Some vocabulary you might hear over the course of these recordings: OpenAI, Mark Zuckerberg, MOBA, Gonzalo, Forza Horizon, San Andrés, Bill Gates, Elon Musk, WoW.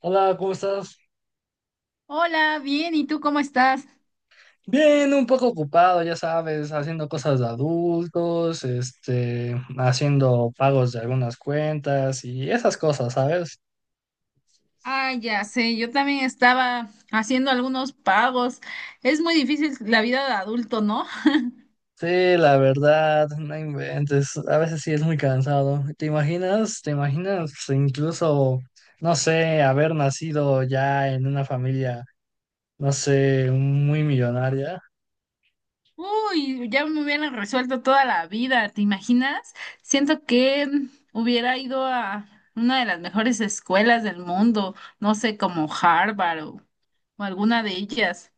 Hola, ¿cómo estás? Hola, bien, ¿y tú cómo estás? Bien, un poco ocupado, ya sabes, haciendo cosas de adultos, haciendo pagos de algunas cuentas y esas cosas, ¿sabes? Ah, ya sé, yo también estaba haciendo algunos pagos. Es muy difícil la vida de adulto, ¿no? Sí, la verdad, no inventes, a veces sí es muy cansado. ¿Te imaginas? ¿Te imaginas incluso, no sé, haber nacido ya en una familia, no sé, muy millonaria? Uy, ya me hubieran resuelto toda la vida, ¿te imaginas? Siento que hubiera ido a una de las mejores escuelas del mundo, no sé, como Harvard o alguna de ellas.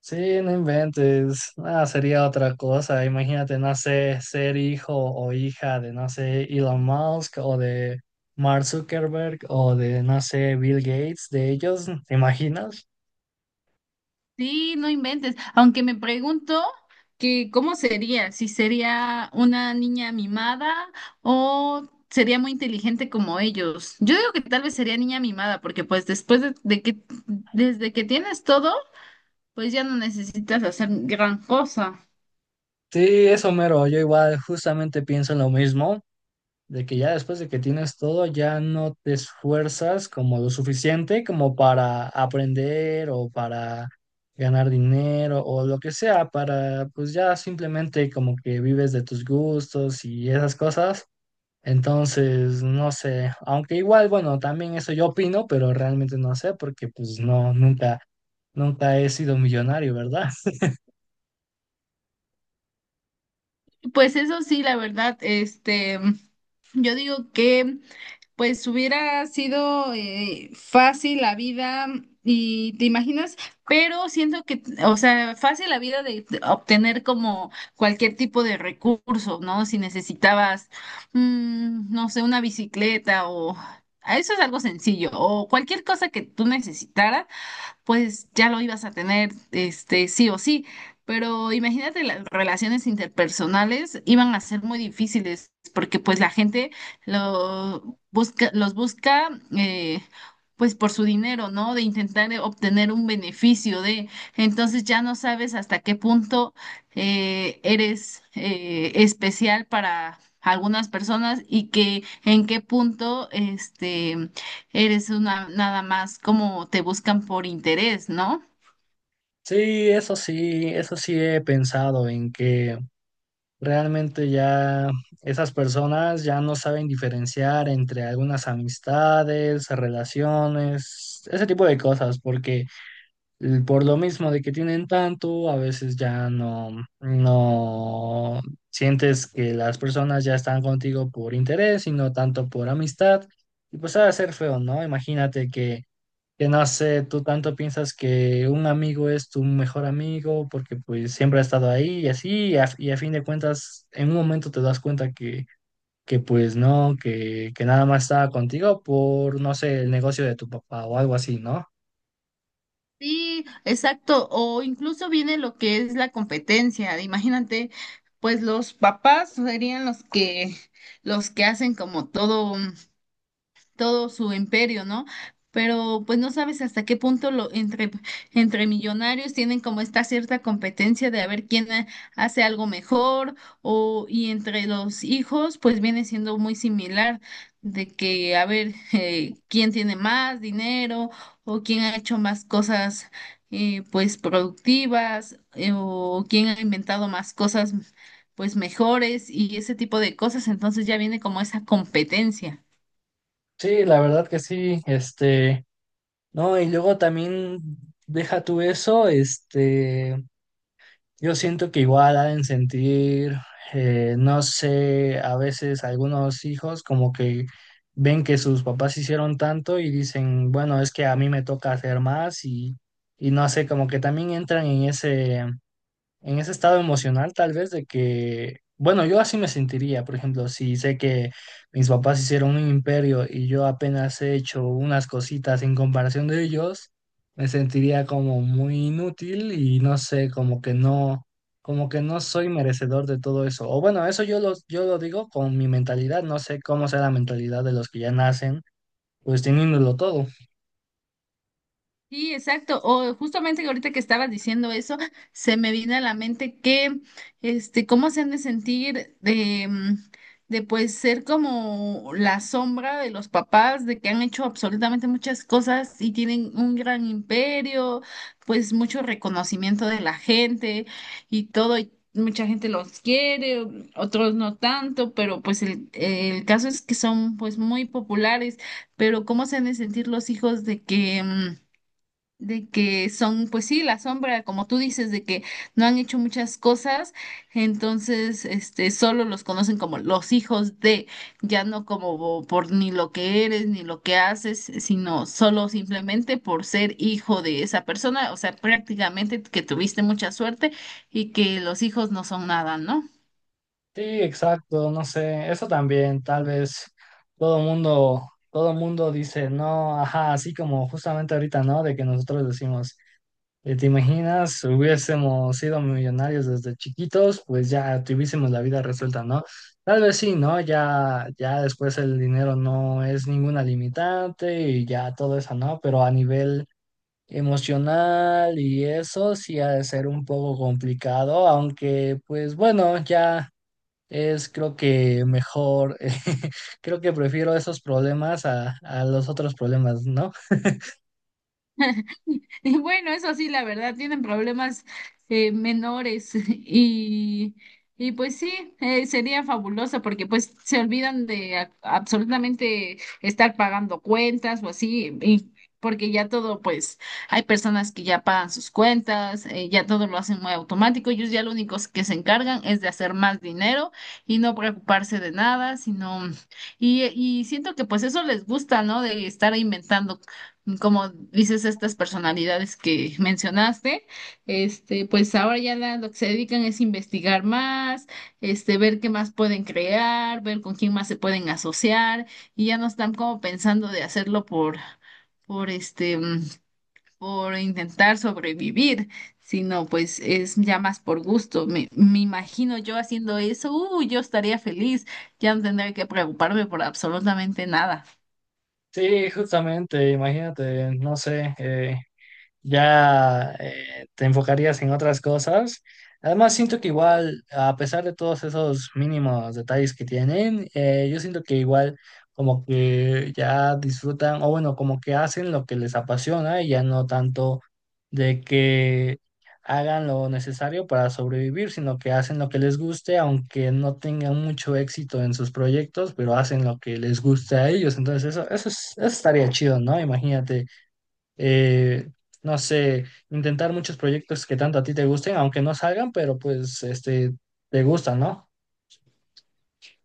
Sí, no inventes. Ah, sería otra cosa. Imagínate, no sé, ser hijo o hija de, no sé, Elon Musk o de Mark Zuckerberg o de, no sé, Bill Gates, de ellos, ¿te imaginas? Sí, no inventes. Aunque me pregunto que cómo sería, si sería una niña mimada o sería muy inteligente como ellos. Yo digo que tal vez sería niña mimada, porque pues después de que, desde que tienes todo, pues ya no necesitas hacer gran cosa. Sí, eso mero. Yo igual justamente pienso en lo mismo. De que ya después de que tienes todo, ya no te esfuerzas como lo suficiente como para aprender o para ganar dinero o lo que sea, para pues ya simplemente como que vives de tus gustos y esas cosas. Entonces, no sé, aunque igual, bueno, también eso yo opino, pero realmente no sé porque pues no, nunca he sido millonario, ¿verdad? Pues eso sí, la verdad, este, yo digo que pues hubiera sido fácil la vida y te imaginas, pero siento que, o sea, fácil la vida de obtener como cualquier tipo de recurso, ¿no? Si necesitabas, no sé, una bicicleta o eso es algo sencillo o cualquier cosa que tú necesitaras pues ya lo ibas a tener, este, sí o sí. Pero imagínate, las relaciones interpersonales iban a ser muy difíciles porque pues la gente lo busca, los busca, eh, pues por su dinero, ¿no? De intentar, obtener un beneficio de, entonces ya no sabes hasta qué punto, eres, especial para algunas personas y que en qué punto, este, eres una nada más, como te buscan por interés, ¿no? Sí, eso sí, eso sí he pensado en que realmente ya esas personas ya no saben diferenciar entre algunas amistades, relaciones, ese tipo de cosas, porque por lo mismo de que tienen tanto, a veces ya no sientes que las personas ya están contigo por interés y no tanto por amistad. Y pues ha de ser feo, ¿no? Imagínate que no sé, tú tanto piensas que un amigo es tu mejor amigo porque pues siempre ha estado ahí y así, y a fin de cuentas, en un momento te das cuenta que pues no, que nada más estaba contigo por, no sé, el negocio de tu papá o algo así, ¿no? Sí, exacto. O incluso viene lo que es la competencia. Imagínate, pues los papás serían los que hacen como todo, todo su imperio, ¿no? Pero pues no sabes hasta qué punto lo, entre millonarios tienen como esta cierta competencia de a ver quién hace algo mejor, o y entre los hijos pues viene siendo muy similar de que a ver quién tiene más dinero o quién ha hecho más cosas, pues productivas, o quién ha inventado más cosas pues mejores, y ese tipo de cosas, entonces ya viene como esa competencia. Sí, la verdad que sí, no, y luego también deja tú eso, Yo siento que igual ha de sentir, no sé, a veces algunos hijos como que ven que sus papás hicieron tanto y dicen, bueno, es que a mí me toca hacer más y no sé, como que también entran en ese estado emocional tal vez de que, bueno, yo así me sentiría, por ejemplo, si sé que mis papás hicieron un imperio y yo apenas he hecho unas cositas en comparación de ellos, me sentiría como muy inútil y no sé, como que no soy merecedor de todo eso. O bueno, eso yo lo digo con mi mentalidad, no sé cómo sea la mentalidad de los que ya nacen, pues teniéndolo todo. Sí, exacto. O justamente, que ahorita que estabas diciendo eso, se me vino a la mente que, este, cómo se han de sentir de, pues ser como la sombra de los papás, de que han hecho absolutamente muchas cosas y tienen un gran imperio, pues mucho reconocimiento de la gente y todo. Y mucha gente los quiere, otros no tanto, pero pues el caso es que son pues muy populares. Pero cómo se han de sentir los hijos de que, son, pues sí, la sombra, como tú dices, de que no han hecho muchas cosas. Entonces, este, solo los conocen como los hijos de, ya no como por ni lo que eres, ni lo que haces, sino solo simplemente por ser hijo de esa persona, o sea, prácticamente que tuviste mucha suerte y que los hijos no son nada, ¿no? Sí, exacto, no sé, eso también, tal vez todo mundo, todo mundo dice, no, ajá, así como justamente ahorita, ¿no? De que nosotros decimos, ¿te imaginas? Hubiésemos sido millonarios desde chiquitos, pues ya tuviésemos la vida resuelta, ¿no? Tal vez sí, ¿no? Ya, ya después el dinero no es ninguna limitante y ya todo eso, ¿no? Pero a nivel emocional y eso sí ha de ser un poco complicado, aunque pues bueno, ya. Es creo que mejor, creo que prefiero esos problemas a los otros problemas, ¿no? Y bueno, eso sí, la verdad, tienen problemas, menores y pues sí, sería fabuloso porque pues se olvidan de absolutamente estar pagando cuentas o así, y porque ya todo, pues hay personas que ya pagan sus cuentas, ya todo lo hacen muy automático, ellos ya lo único que se encargan es de hacer más dinero y no preocuparse de nada, sino, y siento que pues eso les gusta, ¿no? De estar inventando, como dices, estas personalidades que mencionaste, este, pues ahora ya lo que se dedican es investigar más, este, ver qué más pueden crear, ver con quién más se pueden asociar, y ya no están como pensando de hacerlo por este, por intentar sobrevivir, sino pues es ya más por gusto. Me imagino yo haciendo eso, yo estaría feliz, ya no tendría que preocuparme por absolutamente nada. Sí, justamente, imagínate, no sé, ya te enfocarías en otras cosas. Además, siento que igual, a pesar de todos esos mínimos detalles que tienen, yo siento que igual como que ya disfrutan, o bueno, como que hacen lo que les apasiona y ya no tanto de que hagan lo necesario para sobrevivir, sino que hacen lo que les guste, aunque no tengan mucho éxito en sus proyectos, pero hacen lo que les guste a ellos. Entonces, eso, eso estaría chido, ¿no? Imagínate eh, no sé, intentar muchos proyectos que tanto a ti te gusten, aunque no salgan, pero pues te gustan, ¿no?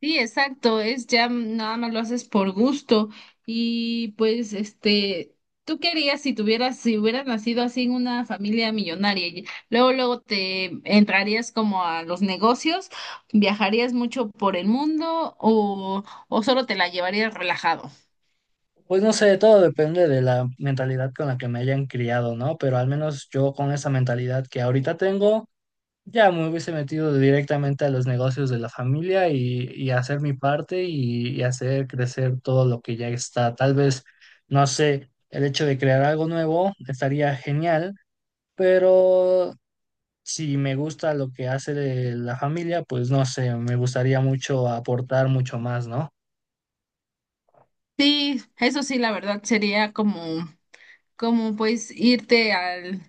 Sí, exacto, es ya nada más lo haces por gusto y pues este, tú querías si tuvieras, si hubieras nacido así en una familia millonaria, y luego luego te entrarías como a los negocios, viajarías mucho por el mundo, o solo te la llevarías relajado. Pues no sé, todo depende de la mentalidad con la que me hayan criado, ¿no? Pero al menos yo con esa mentalidad que ahorita tengo, ya me hubiese metido directamente a los negocios de la familia y hacer mi parte y hacer crecer todo lo que ya está. Tal vez, no sé, el hecho de crear algo nuevo estaría genial, pero si me gusta lo que hace de la familia, pues no sé, me gustaría mucho aportar mucho más, ¿no? Sí, eso sí, la verdad sería como pues irte al,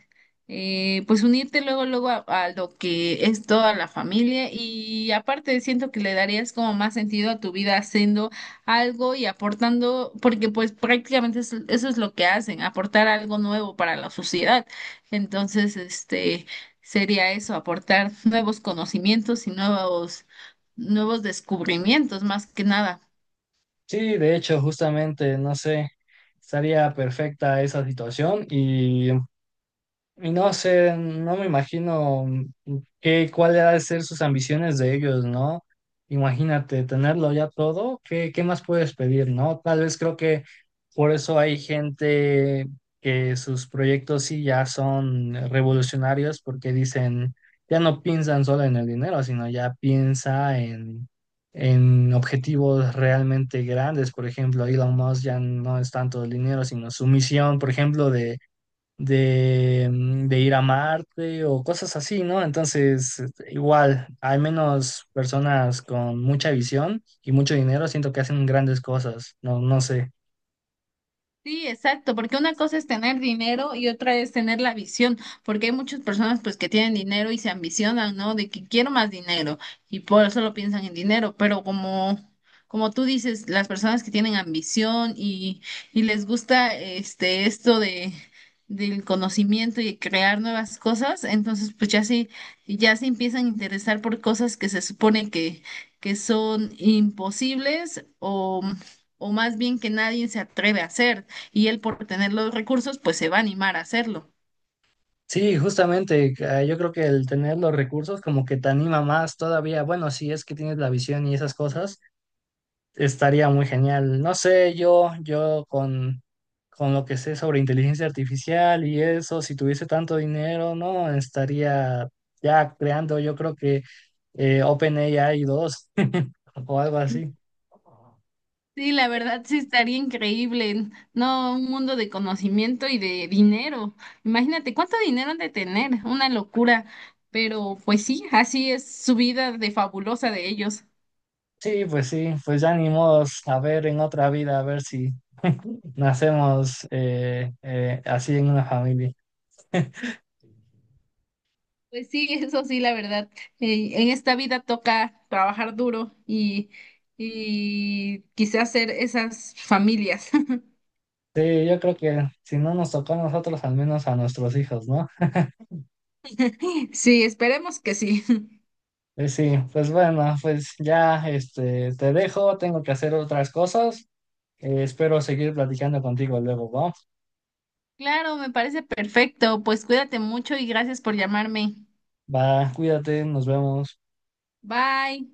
pues unirte luego, luego a, lo que es toda la familia, y aparte siento que le darías como más sentido a tu vida haciendo algo y aportando, porque pues prácticamente eso, eso es lo que hacen, aportar algo nuevo para la sociedad. Entonces, este, sería eso, aportar nuevos conocimientos y nuevos descubrimientos más que nada. Sí, de hecho, justamente, no sé, estaría perfecta esa situación y no sé, no me imagino cuál ha de ser sus ambiciones de ellos, ¿no? Imagínate, tenerlo ya todo, ¿qué, qué más puedes pedir, ¿no? Tal vez creo que por eso hay gente que sus proyectos sí ya son revolucionarios porque dicen, ya no piensan solo en el dinero, sino ya piensa en objetivos realmente grandes. Por ejemplo, Elon Musk ya no es tanto el dinero, sino su misión, por ejemplo, de de ir a Marte o cosas así, ¿no? Entonces, igual, hay menos personas con mucha visión y mucho dinero, siento que hacen grandes cosas, no, no sé. Sí, exacto, porque una cosa es tener dinero y otra es tener la visión, porque hay muchas personas pues que tienen dinero y se ambicionan, ¿no? De que quiero más dinero, y por eso lo piensan en dinero, pero como tú dices, las personas que tienen ambición y les gusta este esto de del conocimiento y crear nuevas cosas, entonces pues ya sí ya se empiezan a interesar por cosas que se supone que son imposibles o más bien que nadie se atreve a hacer, y él por tener los recursos, pues se va a animar a hacerlo. Sí, justamente, yo creo que el tener los recursos como que te anima más todavía, bueno, si es que tienes la visión y esas cosas estaría muy genial. No sé, yo con lo que sé sobre inteligencia artificial y eso, si tuviese tanto dinero, no, estaría ya creando, yo creo que OpenAI 2 o algo así. Sí, la verdad sí estaría increíble, no, un mundo de conocimiento y de dinero. Imagínate cuánto dinero han de tener, una locura, pero pues sí, así es su vida de fabulosa de ellos. Sí, pues ya ni modos, a ver en otra vida, a ver si nacemos así en una familia. Pues sí, eso sí, la verdad. En esta vida toca trabajar duro y quizás hacer esas familias. Sí, yo creo que si no nos tocó a nosotros, al menos a nuestros hijos, ¿no? Sí, esperemos que sí. Pues sí, pues bueno, pues ya te dejo, tengo que hacer otras cosas. Espero seguir platicando contigo luego, ¿va? Claro, me parece perfecto. Pues cuídate mucho y gracias por llamarme. Va, cuídate, nos vemos. Bye.